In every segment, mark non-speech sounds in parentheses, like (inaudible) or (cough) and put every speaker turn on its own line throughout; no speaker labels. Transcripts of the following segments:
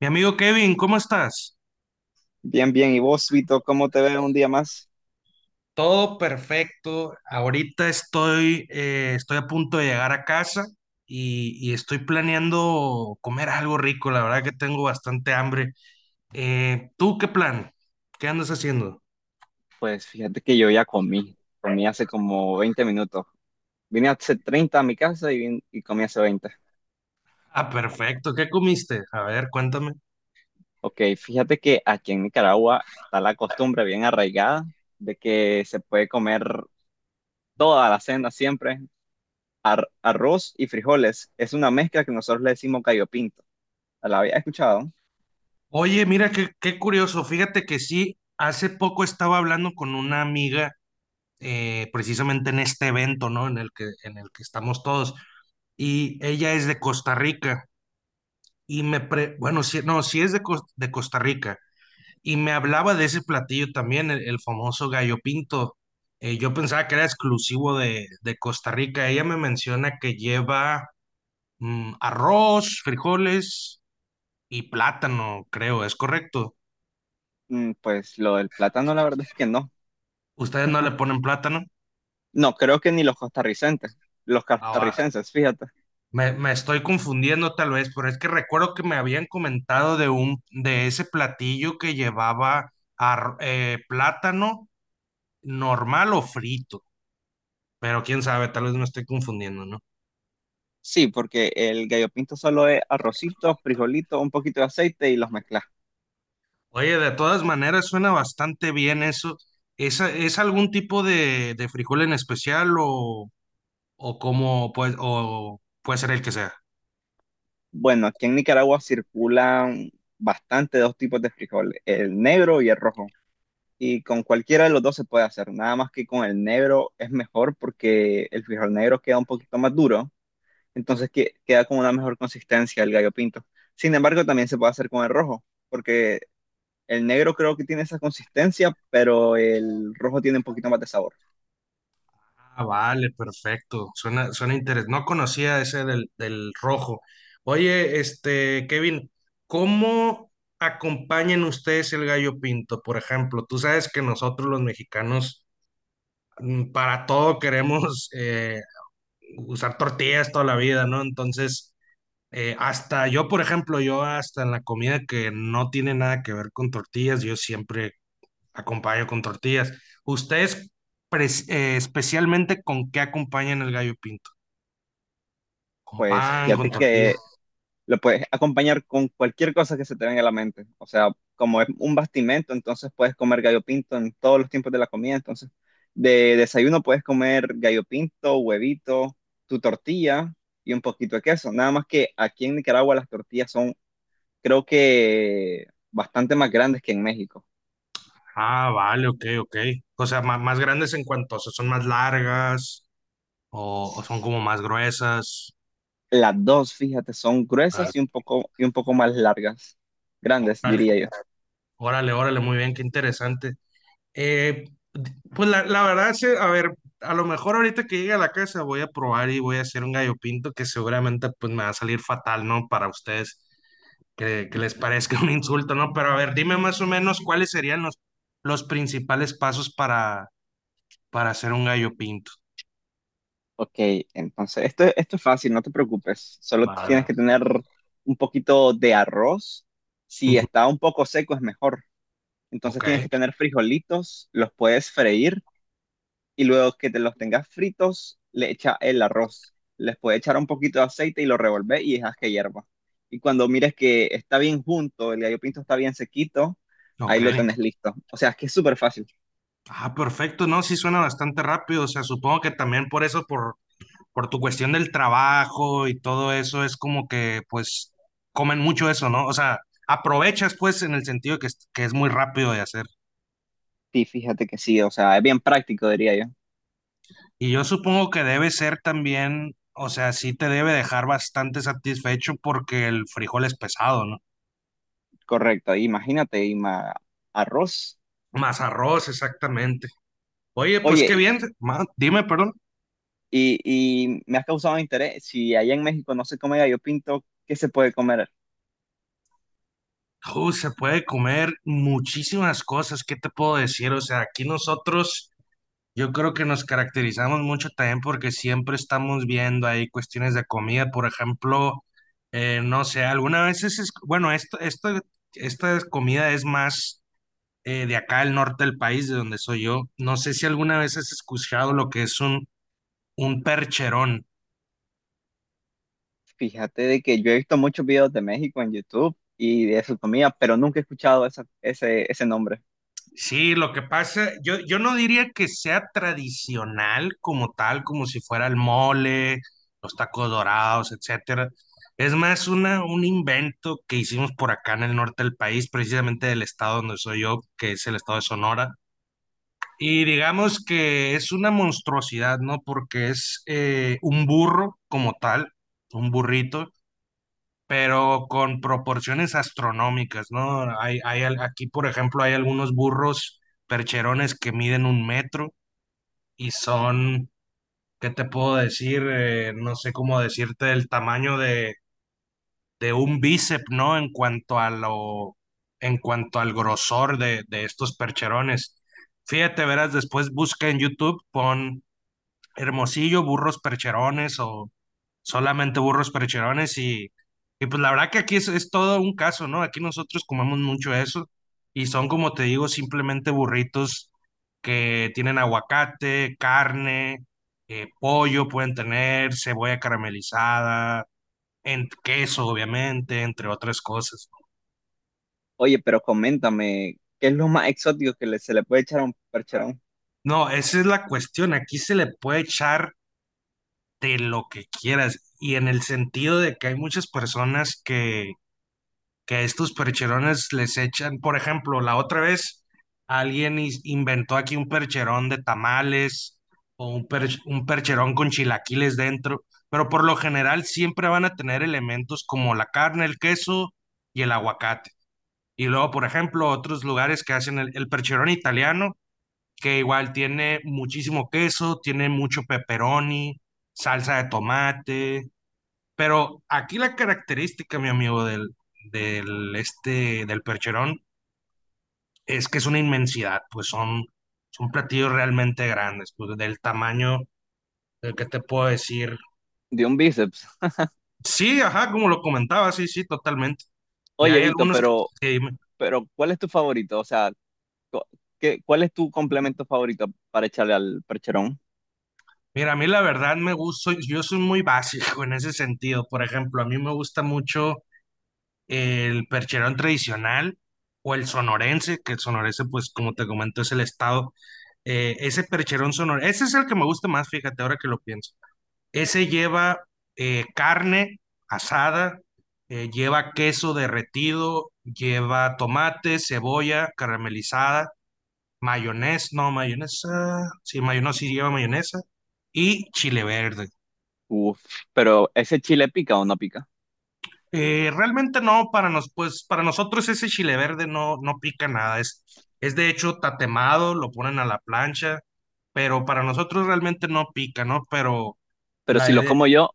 Mi amigo Kevin, ¿cómo estás?
Bien, bien. ¿Y vos, Vito, cómo te ves un día más?
Todo perfecto. Ahorita estoy, estoy a punto de llegar a casa y estoy planeando comer algo rico. La verdad que tengo bastante hambre. ¿Tú qué plan? ¿Qué andas haciendo?
Pues fíjate que yo ya comí hace como 20 minutos. Vine hace 30 a mi casa y comí hace 20.
Ah, perfecto. ¿Qué comiste? A ver, cuéntame.
Ok, fíjate que aquí en Nicaragua está la costumbre bien arraigada de que se puede comer toda la cena siempre, arroz y frijoles. Es una mezcla que nosotros le decimos gallo pinto. ¿La había escuchado?
Oye, mira qué curioso. Fíjate que sí, hace poco estaba hablando con una amiga precisamente en este evento, ¿no? En el que estamos todos. Y ella es de Costa Rica. Y me, pre, bueno, si, no, si es de, de Costa Rica, y me hablaba de ese platillo también, el famoso gallo pinto. Yo pensaba que era exclusivo de Costa Rica. Ella me menciona que lleva mm, arroz, frijoles y plátano, creo, ¿es correcto?
Mm, pues lo del plátano la verdad es que no.
¿Ustedes no le ponen plátano?
No, creo que ni los costarricenses, los
Ah, va.
costarricenses, fíjate.
Me estoy confundiendo tal vez, pero es que recuerdo que me habían comentado de un, de ese platillo que llevaba plátano normal o frito. Pero quién sabe, tal vez me estoy confundiendo, ¿no?
Sí, porque el gallo pinto solo es arrocito, frijolito, un poquito de aceite y los mezclas.
Oye, de todas maneras suena bastante bien eso. ¿Es algún tipo de frijol en especial o cómo puede, o puede ser el que sea?
Bueno, aquí en Nicaragua circulan bastante dos tipos de frijol, el negro y el rojo. Y con cualquiera de los dos se puede hacer, nada más que con el negro es mejor porque el frijol negro queda un poquito más duro, entonces queda con una mejor consistencia el gallo pinto. Sin embargo, también se puede hacer con el rojo, porque el negro creo que tiene esa consistencia, pero el rojo tiene un poquito más de sabor.
Ah, vale, perfecto. Suena interesante. No conocía ese del, del rojo. Oye, este, Kevin, ¿cómo acompañan ustedes el gallo pinto? Por ejemplo, tú sabes que nosotros los mexicanos mm, para todo queremos usar tortillas toda la vida, ¿no? Entonces, hasta yo, por ejemplo, yo hasta en la comida que no tiene nada que ver con tortillas, yo siempre acompaño con tortillas. ¿Ustedes especialmente con qué acompañan el gallo pinto? ¿Con
Pues
pan, con
fíjate
tortilla?
que lo puedes acompañar con cualquier cosa que se te venga a la mente. O sea, como es un bastimento, entonces puedes comer gallo pinto en todos los tiempos de la comida. Entonces, de desayuno puedes comer gallo pinto, huevito, tu tortilla y un poquito de queso. Nada más que aquí en Nicaragua las tortillas son, creo que, bastante más grandes que en México.
Ah, vale, ok, ok. O sea, más grandes en cuanto, o sea, son más largas o son como más gruesas.
Las dos, fíjate, son
Órale,
gruesas y un poco más largas. Grandes,
órale,
diría yo.
órale, órale, muy bien, qué interesante. Eh, pues la verdad, sí, a ver, a lo mejor ahorita que llegue a la casa voy a probar y voy a hacer un gallo pinto que seguramente pues me va a salir fatal, ¿no? Para ustedes, que les parezca (laughs) un insulto, ¿no? Pero a ver, dime más o menos cuáles serían los principales pasos para hacer un gallo pinto.
Ok, entonces esto es fácil, no te preocupes. Solo
A
tienes
ver.
que tener un poquito de arroz. Si
Ujú.
está un poco seco es mejor. Entonces
Ok,
tienes que tener frijolitos, los puedes freír y luego que te los tengas fritos, le echa el arroz. Les puedes echar un poquito de aceite y lo revolver y dejas que hierva. Y cuando mires que está bien junto, el gallo pinto está bien sequito, ahí
ok.
lo tenés listo. O sea, es que es súper fácil.
Ah, perfecto, no, sí suena bastante rápido, o sea, supongo que también por eso, por tu cuestión del trabajo y todo eso, es como que pues comen mucho eso, ¿no? O sea, aprovechas pues en el sentido que es muy rápido de hacer.
Sí, fíjate que sí, o sea, es bien práctico, diría yo.
Y yo supongo que debe ser también, o sea, sí te debe dejar bastante satisfecho porque el frijol es pesado, ¿no?
Correcto, imagínate, arroz.
Más arroz, exactamente. Oye, pues qué
Oye,
bien, dime, perdón.
y, y me has causado interés, si allá en México no se come gallo pinto, ¿qué se puede comer?
Se puede comer muchísimas cosas, ¿qué te puedo decir? O sea, aquí nosotros yo creo que nos caracterizamos mucho también porque siempre estamos viendo ahí cuestiones de comida, por ejemplo, no sé, alguna vez es, bueno, esto, esta comida es más de acá al norte del país, de donde soy yo. No sé si alguna vez has escuchado lo que es un percherón.
Fíjate de que yo he visto muchos videos de México en YouTube y de su comida, pero nunca he escuchado ese nombre.
Sí, lo que pasa, yo no diría que sea tradicional como tal, como si fuera el mole, los tacos dorados, etcétera. Es más una, un invento que hicimos por acá en el norte del país, precisamente del estado donde soy yo, que es el estado de Sonora. Y digamos que es una monstruosidad, ¿no? Porque es un burro como tal, un burrito, pero con proporciones astronómicas, ¿no? Aquí, por ejemplo, hay algunos burros percherones que miden un metro y son, ¿qué te puedo decir? No sé cómo decirte el tamaño de un bíceps, ¿no? En cuanto a lo, en cuanto al grosor de estos percherones. Fíjate, verás, después busca en YouTube, pon Hermosillo, burros percherones o solamente burros percherones y pues la verdad que aquí es todo un caso, ¿no? Aquí nosotros comemos mucho eso y son como te digo, simplemente burritos que tienen aguacate, carne, pollo pueden tener, cebolla caramelizada, en, queso obviamente, entre otras cosas.
Oye, pero coméntame, ¿qué es lo más exótico que se le puede echar a un percherón?
No, esa es la cuestión, aquí se le puede echar de lo que quieras y en el sentido de que hay muchas personas que a estos percherones les echan, por ejemplo, la otra vez alguien inventó aquí un percherón de tamales o un, un percherón con chilaquiles dentro, pero por lo general siempre van a tener elementos como la carne, el queso y el aguacate. Y luego, por ejemplo, otros lugares que hacen el percherón italiano, que igual tiene muchísimo queso, tiene mucho pepperoni, salsa de tomate, pero aquí la característica, mi amigo, del, del, este, del percherón es que es una inmensidad, pues son, son platillos realmente grandes, pues del tamaño del que te puedo decir.
De un bíceps.
Sí, ajá, como lo comentaba, sí, sí, totalmente. Y
Oye,
hay
Vito,
algunos que,
pero,
que me-
pero ¿cuál es tu favorito? O sea, co- cuál es tu complemento favorito para echarle al percherón?
mira, a mí la verdad me gusta, yo soy muy básico en ese sentido. Por ejemplo, a mí me gusta mucho el percherón tradicional o el sonorense, que el sonorense, pues como te comento, es el estado. Ese percherón sonorense, ese es el que me gusta más, fíjate, ahora que lo pienso. Ese lleva carne asada, lleva queso derretido, lleva tomate, cebolla caramelizada, mayonesa, no, mayonesa, sí lleva mayonesa, y chile verde.
Uf, pero ¿ese chile pica o no pica?
Realmente no, para nos, pues, para nosotros ese chile verde no, no pica nada, es de hecho tatemado, lo ponen a la plancha, pero para nosotros realmente no pica, ¿no? Pero
Pero
la
si lo
idea,
como yo,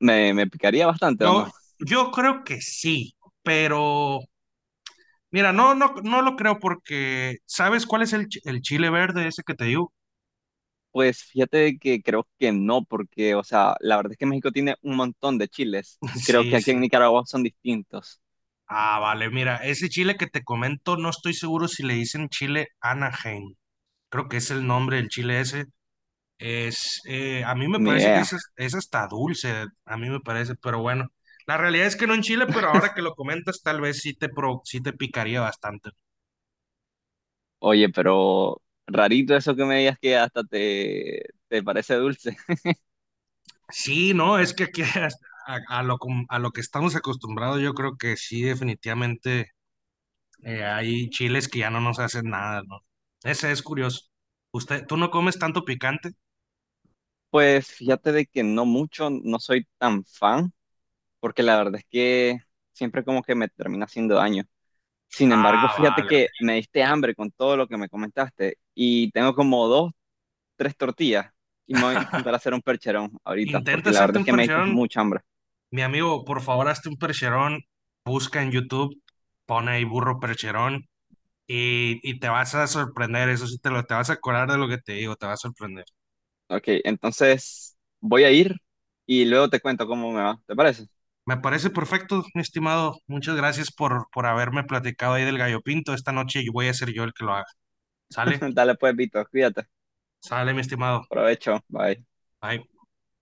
¿me picaría bastante o
yo,
no?
yo creo que sí, pero mira, no, no, no lo creo porque, ¿sabes cuál es el, el chile verde ese que te digo?
Pues fíjate que creo que no, porque, o sea, la verdad es que México tiene un montón de chiles y
(laughs)
creo que
Sí,
aquí en
sí.
Nicaragua son distintos.
Ah, vale, mira, ese chile que te comento, no estoy seguro si le dicen chile Anaheim, creo que es el nombre del chile ese. Es, a mí me
Ni
parece que
idea.
es hasta dulce, a mí me parece, pero bueno, la realidad es que no en Chile, pero ahora que lo comentas, tal vez sí te, sí te picaría bastante.
Oye, pero rarito eso que me digas que hasta te parece dulce. (laughs)
Sí, no, es que aquí (laughs) hasta- a lo, a lo que estamos acostumbrados, yo creo que sí, definitivamente hay chiles que ya no nos hacen nada, ¿no? Ese es curioso. ¿Usted, tú no comes tanto picante?
Pues fíjate de que no mucho, no soy tan fan, porque la verdad es que siempre como que me termina haciendo daño. Sin embargo,
Ah,
fíjate
vale.
que me diste hambre con todo lo que me comentaste y tengo como dos, tres tortillas y me voy a intentar
(laughs)
hacer un percherón ahorita
Intenta
porque la verdad
hacerte
es
un
que me diste
percherón.
mucha hambre.
Mi amigo, por favor, hazte un percherón, busca en YouTube, pone ahí burro percherón y te vas a sorprender, eso sí, te lo, te vas a acordar de lo que te digo, te va a sorprender.
Ok, entonces voy a ir y luego te cuento cómo me va. ¿Te parece?
Me parece perfecto, mi estimado. Muchas gracias por haberme platicado ahí del gallo pinto. Esta noche voy a ser yo el que lo haga. ¿Sale?
(laughs) Dale pues, Vito, cuídate.
Sale, mi estimado.
Provecho, bye.
Bye.